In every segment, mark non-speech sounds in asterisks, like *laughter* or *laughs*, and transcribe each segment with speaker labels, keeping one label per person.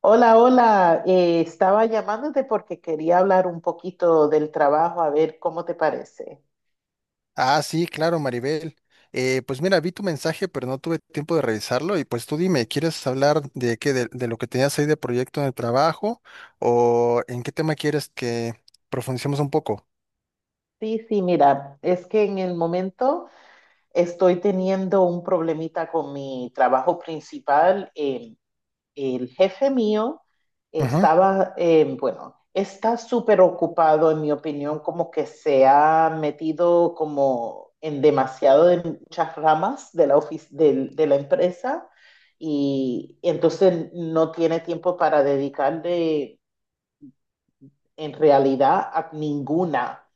Speaker 1: Hola, hola. Estaba llamándote porque quería hablar un poquito del trabajo, a ver cómo te parece.
Speaker 2: Ah, sí, claro, Maribel. Pues mira, vi tu mensaje, pero no tuve tiempo de revisarlo. Y pues tú dime, ¿quieres hablar de qué, de lo que tenías ahí de proyecto en el trabajo? ¿O en qué tema quieres que profundicemos un poco?
Speaker 1: Sí, sí, mira, es que en el momento estoy teniendo un problemita con mi trabajo principal. El jefe mío
Speaker 2: Ujú.
Speaker 1: está súper ocupado, en mi opinión, como que se ha metido como en demasiado de muchas ramas de la empresa y entonces no tiene tiempo para dedicarle en realidad a ninguna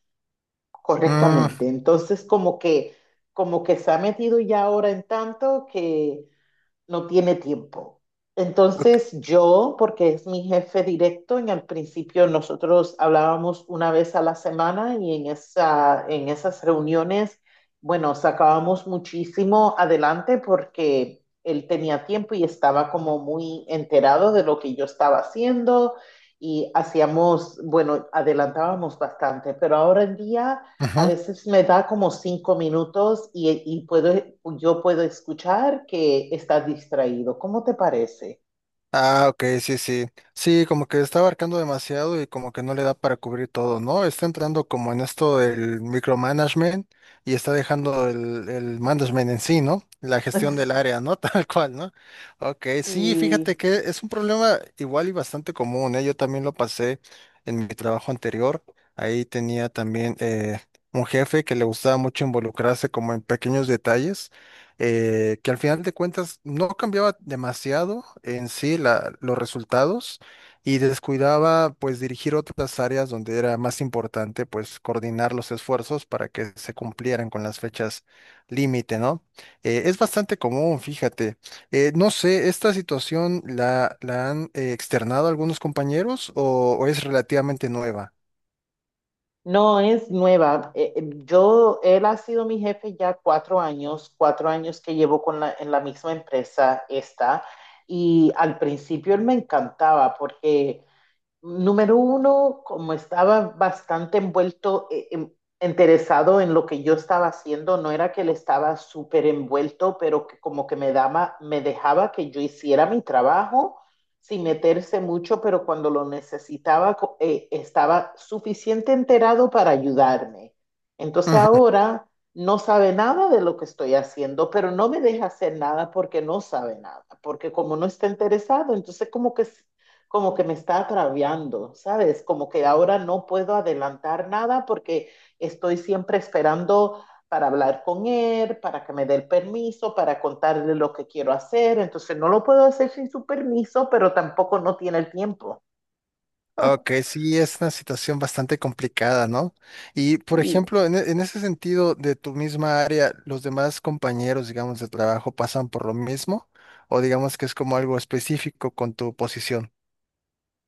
Speaker 2: Mm,
Speaker 1: correctamente. Entonces como que se ha metido ya ahora en tanto que no tiene tiempo.
Speaker 2: ok,
Speaker 1: Entonces yo, porque es mi jefe directo, en el principio nosotros hablábamos una vez a la semana y en esas reuniones, bueno, sacábamos muchísimo adelante porque él tenía tiempo y estaba como muy enterado de lo que yo estaba haciendo y hacíamos, bueno, adelantábamos bastante, pero ahora en día a
Speaker 2: ujú.
Speaker 1: veces me da como 5 minutos y puedo, yo puedo escuchar que estás distraído. ¿Cómo te parece?
Speaker 2: Ah, ok, sí, sí. Sí, como que está abarcando demasiado y como que no le da para cubrir todo, ¿no? Está entrando como en esto del micromanagement y está dejando el management en sí, ¿no? La gestión del área,
Speaker 1: *laughs*
Speaker 2: ¿no? *laughs* Tal cual, ¿no? Ok, sí, fíjate
Speaker 1: Sí.
Speaker 2: que es un problema igual y bastante común, ¿eh? Yo también lo pasé en mi trabajo anterior. Ahí tenía también un jefe que le gustaba mucho involucrarse como en pequeños detalles, que al final de cuentas no cambiaba demasiado en sí los resultados y descuidaba pues dirigir otras áreas donde era más importante pues coordinar los esfuerzos para que se cumplieran con las fechas límite, ¿no? Es bastante común, fíjate. No sé, ¿esta situación la han externado algunos compañeros o es relativamente nueva?
Speaker 1: No, es nueva. Él ha sido mi jefe ya 4 años, 4 años que llevo en la misma empresa esta, y al principio él me encantaba porque número uno, como estaba bastante envuelto, interesado en lo que yo estaba haciendo, no era que él estaba súper envuelto, pero que como que me daba, me dejaba que yo hiciera mi trabajo sin meterse mucho, pero cuando lo necesitaba, estaba suficiente enterado para ayudarme. Entonces ahora no sabe nada de lo que estoy haciendo, pero no me deja hacer nada porque no sabe nada, porque como no está interesado, entonces como que me está agraviando, ¿sabes? Como que ahora no puedo adelantar nada porque estoy siempre esperando para hablar con él, para que me dé el permiso, para contarle lo que quiero hacer. Entonces no lo puedo hacer sin su permiso, pero tampoco no tiene el tiempo.
Speaker 2: Ok,
Speaker 1: *laughs*
Speaker 2: sí, es una situación bastante complicada, ¿no? Y, por
Speaker 1: Y
Speaker 2: ejemplo, en, en ese sentido de tu misma área, ¿los demás compañeros, digamos, de trabajo pasan por lo mismo? ¿O digamos que es como algo específico con tu posición?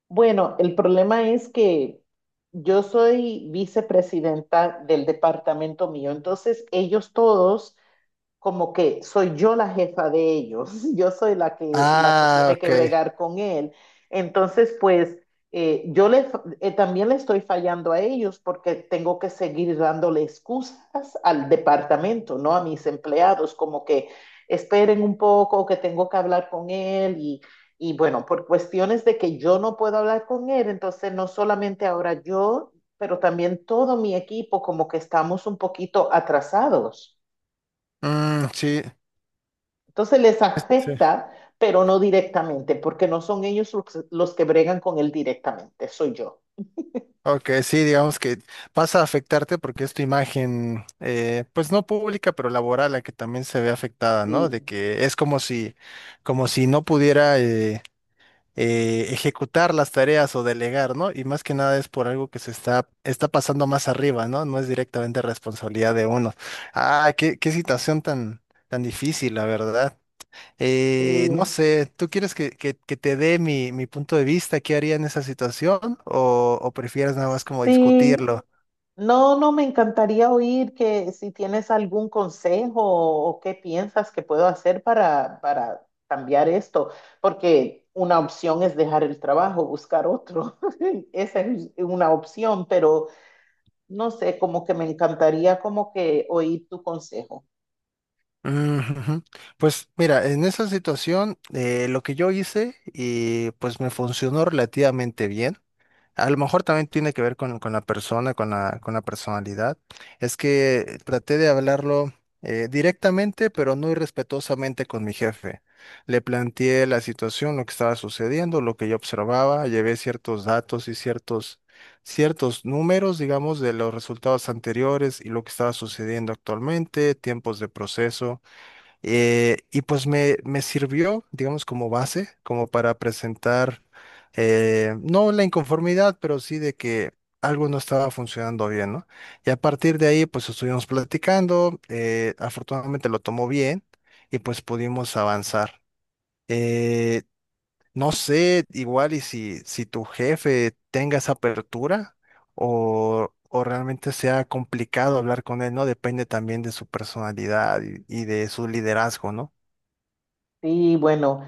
Speaker 1: bueno, el problema es que yo soy vicepresidenta del departamento mío, entonces ellos todos como que soy yo la jefa de ellos, *laughs* yo soy la que
Speaker 2: Ah,
Speaker 1: tiene
Speaker 2: ok.
Speaker 1: que bregar con él. Entonces, pues eh, yo le, también le estoy fallando a ellos porque tengo que seguir dándole excusas al departamento, ¿no? A mis empleados, como que esperen un poco, que tengo que hablar con él y bueno, por cuestiones de que yo no puedo hablar con él, entonces no solamente ahora yo, pero también todo mi equipo, como que estamos un poquito atrasados.
Speaker 2: Mm, sí,
Speaker 1: Entonces les
Speaker 2: sí,
Speaker 1: afecta, pero no directamente, porque no son ellos los que bregan con él directamente, soy yo.
Speaker 2: ok, sí, digamos que pasa a afectarte porque es tu imagen, pues no pública, pero laboral, la que también se ve afectada, ¿no?
Speaker 1: Sí,
Speaker 2: De que es como si no pudiera ejecutar las tareas o delegar, ¿no? Y más que nada es por algo que está pasando más arriba, ¿no? No es directamente responsabilidad de uno. Ah, qué, qué situación tan, tan difícil, la verdad. No
Speaker 1: sí,
Speaker 2: sé, ¿tú quieres que, que te dé mi, mi punto de vista? ¿Qué haría en esa situación? O prefieres nada más como
Speaker 1: sí.
Speaker 2: discutirlo?
Speaker 1: No, no, me encantaría oír que si tienes algún consejo o qué piensas que puedo hacer para cambiar esto, porque una opción es dejar el trabajo, buscar otro. *laughs* Esa es una opción, pero no sé, como que me encantaría como que oír tu consejo.
Speaker 2: Mm, ujú. Pues mira, en esa situación lo que yo hice y pues me funcionó relativamente bien. A lo mejor también tiene que ver con la persona, con la personalidad. Es que traté de hablarlo directamente, pero no irrespetuosamente con mi jefe. Le planteé la situación, lo que estaba sucediendo, lo que yo observaba, llevé ciertos datos y ciertos, ciertos números, digamos, de los resultados anteriores y lo que estaba sucediendo actualmente, tiempos de proceso. Y pues me sirvió, digamos, como base, como para presentar, no la inconformidad, pero sí de que algo no estaba funcionando bien, ¿no? Y a partir de ahí, pues estuvimos platicando, afortunadamente lo tomó bien y pues pudimos avanzar. Eh, no sé, igual y si, si tu jefe tenga esa apertura o realmente sea complicado hablar con él, ¿no? Depende también de su personalidad y de su liderazgo, ¿no?
Speaker 1: Sí, bueno.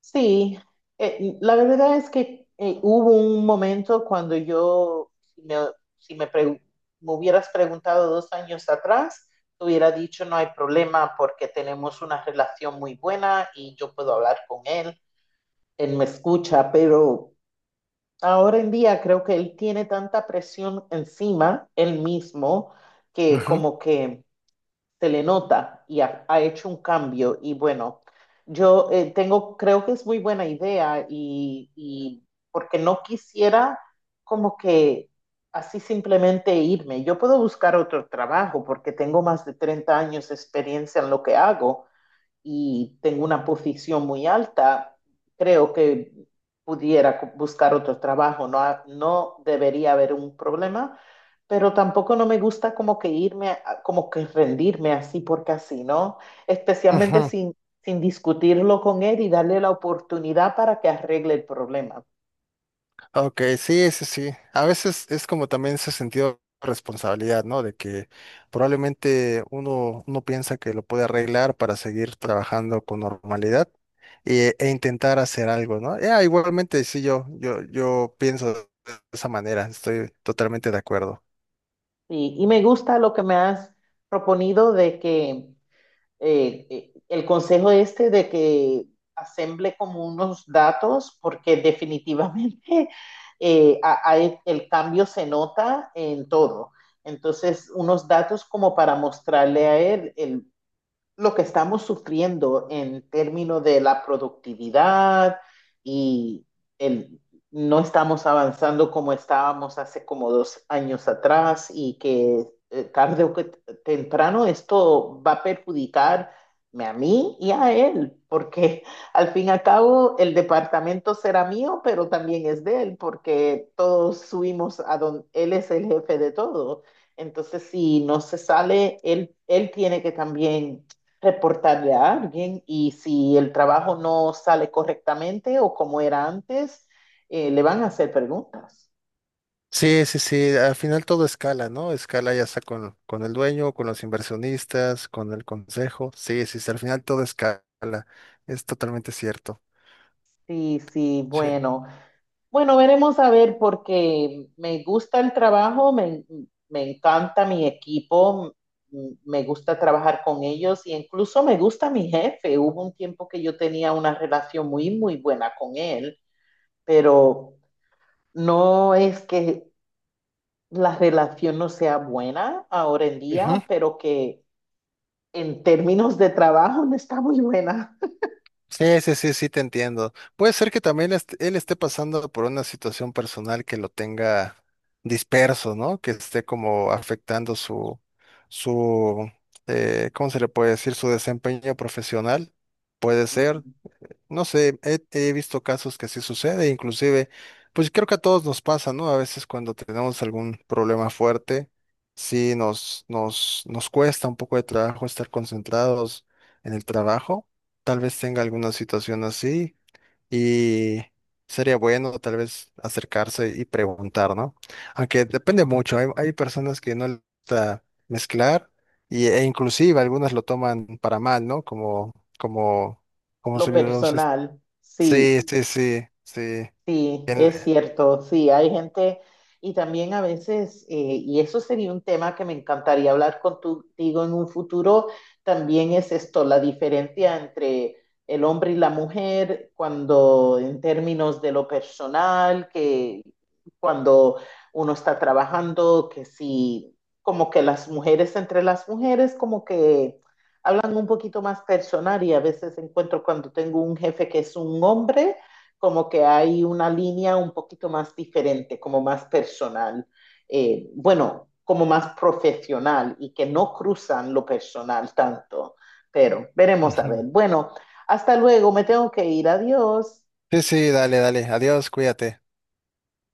Speaker 1: Sí, la verdad es que hubo un momento cuando yo, si me pregu- me hubieras preguntado 2 años atrás, te hubiera dicho no hay problema porque tenemos una relación muy buena y yo puedo hablar con él, él me escucha, pero ahora en día creo que él tiene tanta presión encima, él mismo, que
Speaker 2: Ujú,
Speaker 1: como que se le nota y ha hecho un cambio. Y bueno, yo creo que es muy buena idea y porque no quisiera como que así simplemente irme. Yo puedo buscar otro trabajo porque tengo más de 30 años de experiencia en lo que hago y tengo una posición muy alta, creo que pudiera buscar otro trabajo. No, no debería haber un problema, pero tampoco no me gusta como que irme, como que rendirme así porque así, ¿no? Especialmente
Speaker 2: ujú.
Speaker 1: sin, sin discutirlo con él y darle la oportunidad para que arregle el problema.
Speaker 2: Ok, sí, sí, sí. A veces es como también ese sentido de responsabilidad, ¿no? De que probablemente uno, uno piensa que lo puede arreglar para seguir trabajando con normalidad e, e intentar hacer algo, ¿no? Ya, igualmente, sí, yo pienso de esa manera, estoy totalmente de acuerdo.
Speaker 1: Y me gusta lo que me has proponido de que el consejo este de que asemble como unos datos, porque definitivamente *laughs* a el cambio se nota en todo. Entonces, unos datos como para mostrarle a él el lo que estamos sufriendo en términos de la productividad y el, no estamos avanzando como estábamos hace como 2 años atrás y que tarde o temprano esto va a perjudicar a mí y a él, porque *laughs* al fin y al cabo el departamento será mío, pero también es de él, porque todos subimos a donde él es el jefe de todo. Entonces, si no se sale, él tiene que también reportarle a alguien y si el trabajo no sale correctamente o como era antes, le van a hacer preguntas.
Speaker 2: Sí, sí, sí, al final todo escala, ¿no? Escala ya sea con el dueño, con los inversionistas, con el consejo. Sí, sí, sí, al final todo escala, es totalmente cierto.
Speaker 1: Sí, sí,
Speaker 2: Sí.
Speaker 1: bueno. Bueno, veremos a ver porque me gusta el trabajo, me encanta mi equipo, me gusta trabajar con ellos y incluso me gusta mi jefe. Hubo un tiempo que yo tenía una relación muy, muy buena con él, pero no es que la relación no sea buena ahora en
Speaker 2: Ujú.
Speaker 1: día, pero que en términos de trabajo no está muy buena.
Speaker 2: Sí, sí, sí, sí, te entiendo. Puede ser que también él esté pasando por una situación personal que lo tenga disperso, ¿no? Que esté como afectando su, su, ¿cómo se le puede decir? Su desempeño profesional. Puede ser.
Speaker 1: Ujú.
Speaker 2: No sé, he, he visto casos que sí sucede, inclusive, pues creo que a todos nos pasa, ¿no? A veces cuando tenemos algún problema fuerte, sí nos, nos, nos cuesta un poco de trabajo estar concentrados en el trabajo. Tal vez tenga alguna situación así y sería bueno tal vez acercarse y preguntar, ¿no? Aunque depende mucho, hay personas que no les gusta mezclar y, e inclusive algunas lo toman para mal, ¿no? Como, como como
Speaker 1: Lo
Speaker 2: sonidos.
Speaker 1: personal, sí.
Speaker 2: Sí, sí, sí, sí.
Speaker 1: Sí,
Speaker 2: Bien.
Speaker 1: es cierto, sí, hay gente y también a veces, y eso sería un tema que me encantaría hablar contigo en un futuro, también es esto, la diferencia entre el hombre y la mujer cuando en términos de lo personal, que cuando uno está trabajando, que sí, como que las mujeres entre las mujeres, como que hablan un poquito más personal y a veces encuentro cuando tengo un jefe que es un hombre como que hay una línea un poquito más diferente, como más personal, bueno, como más profesional y que no cruzan lo personal tanto, pero veremos a
Speaker 2: Ujú.
Speaker 1: ver. Bueno, hasta luego, me tengo que ir, adiós.
Speaker 2: Sí, sí, dale, dale. Adiós, cuídate.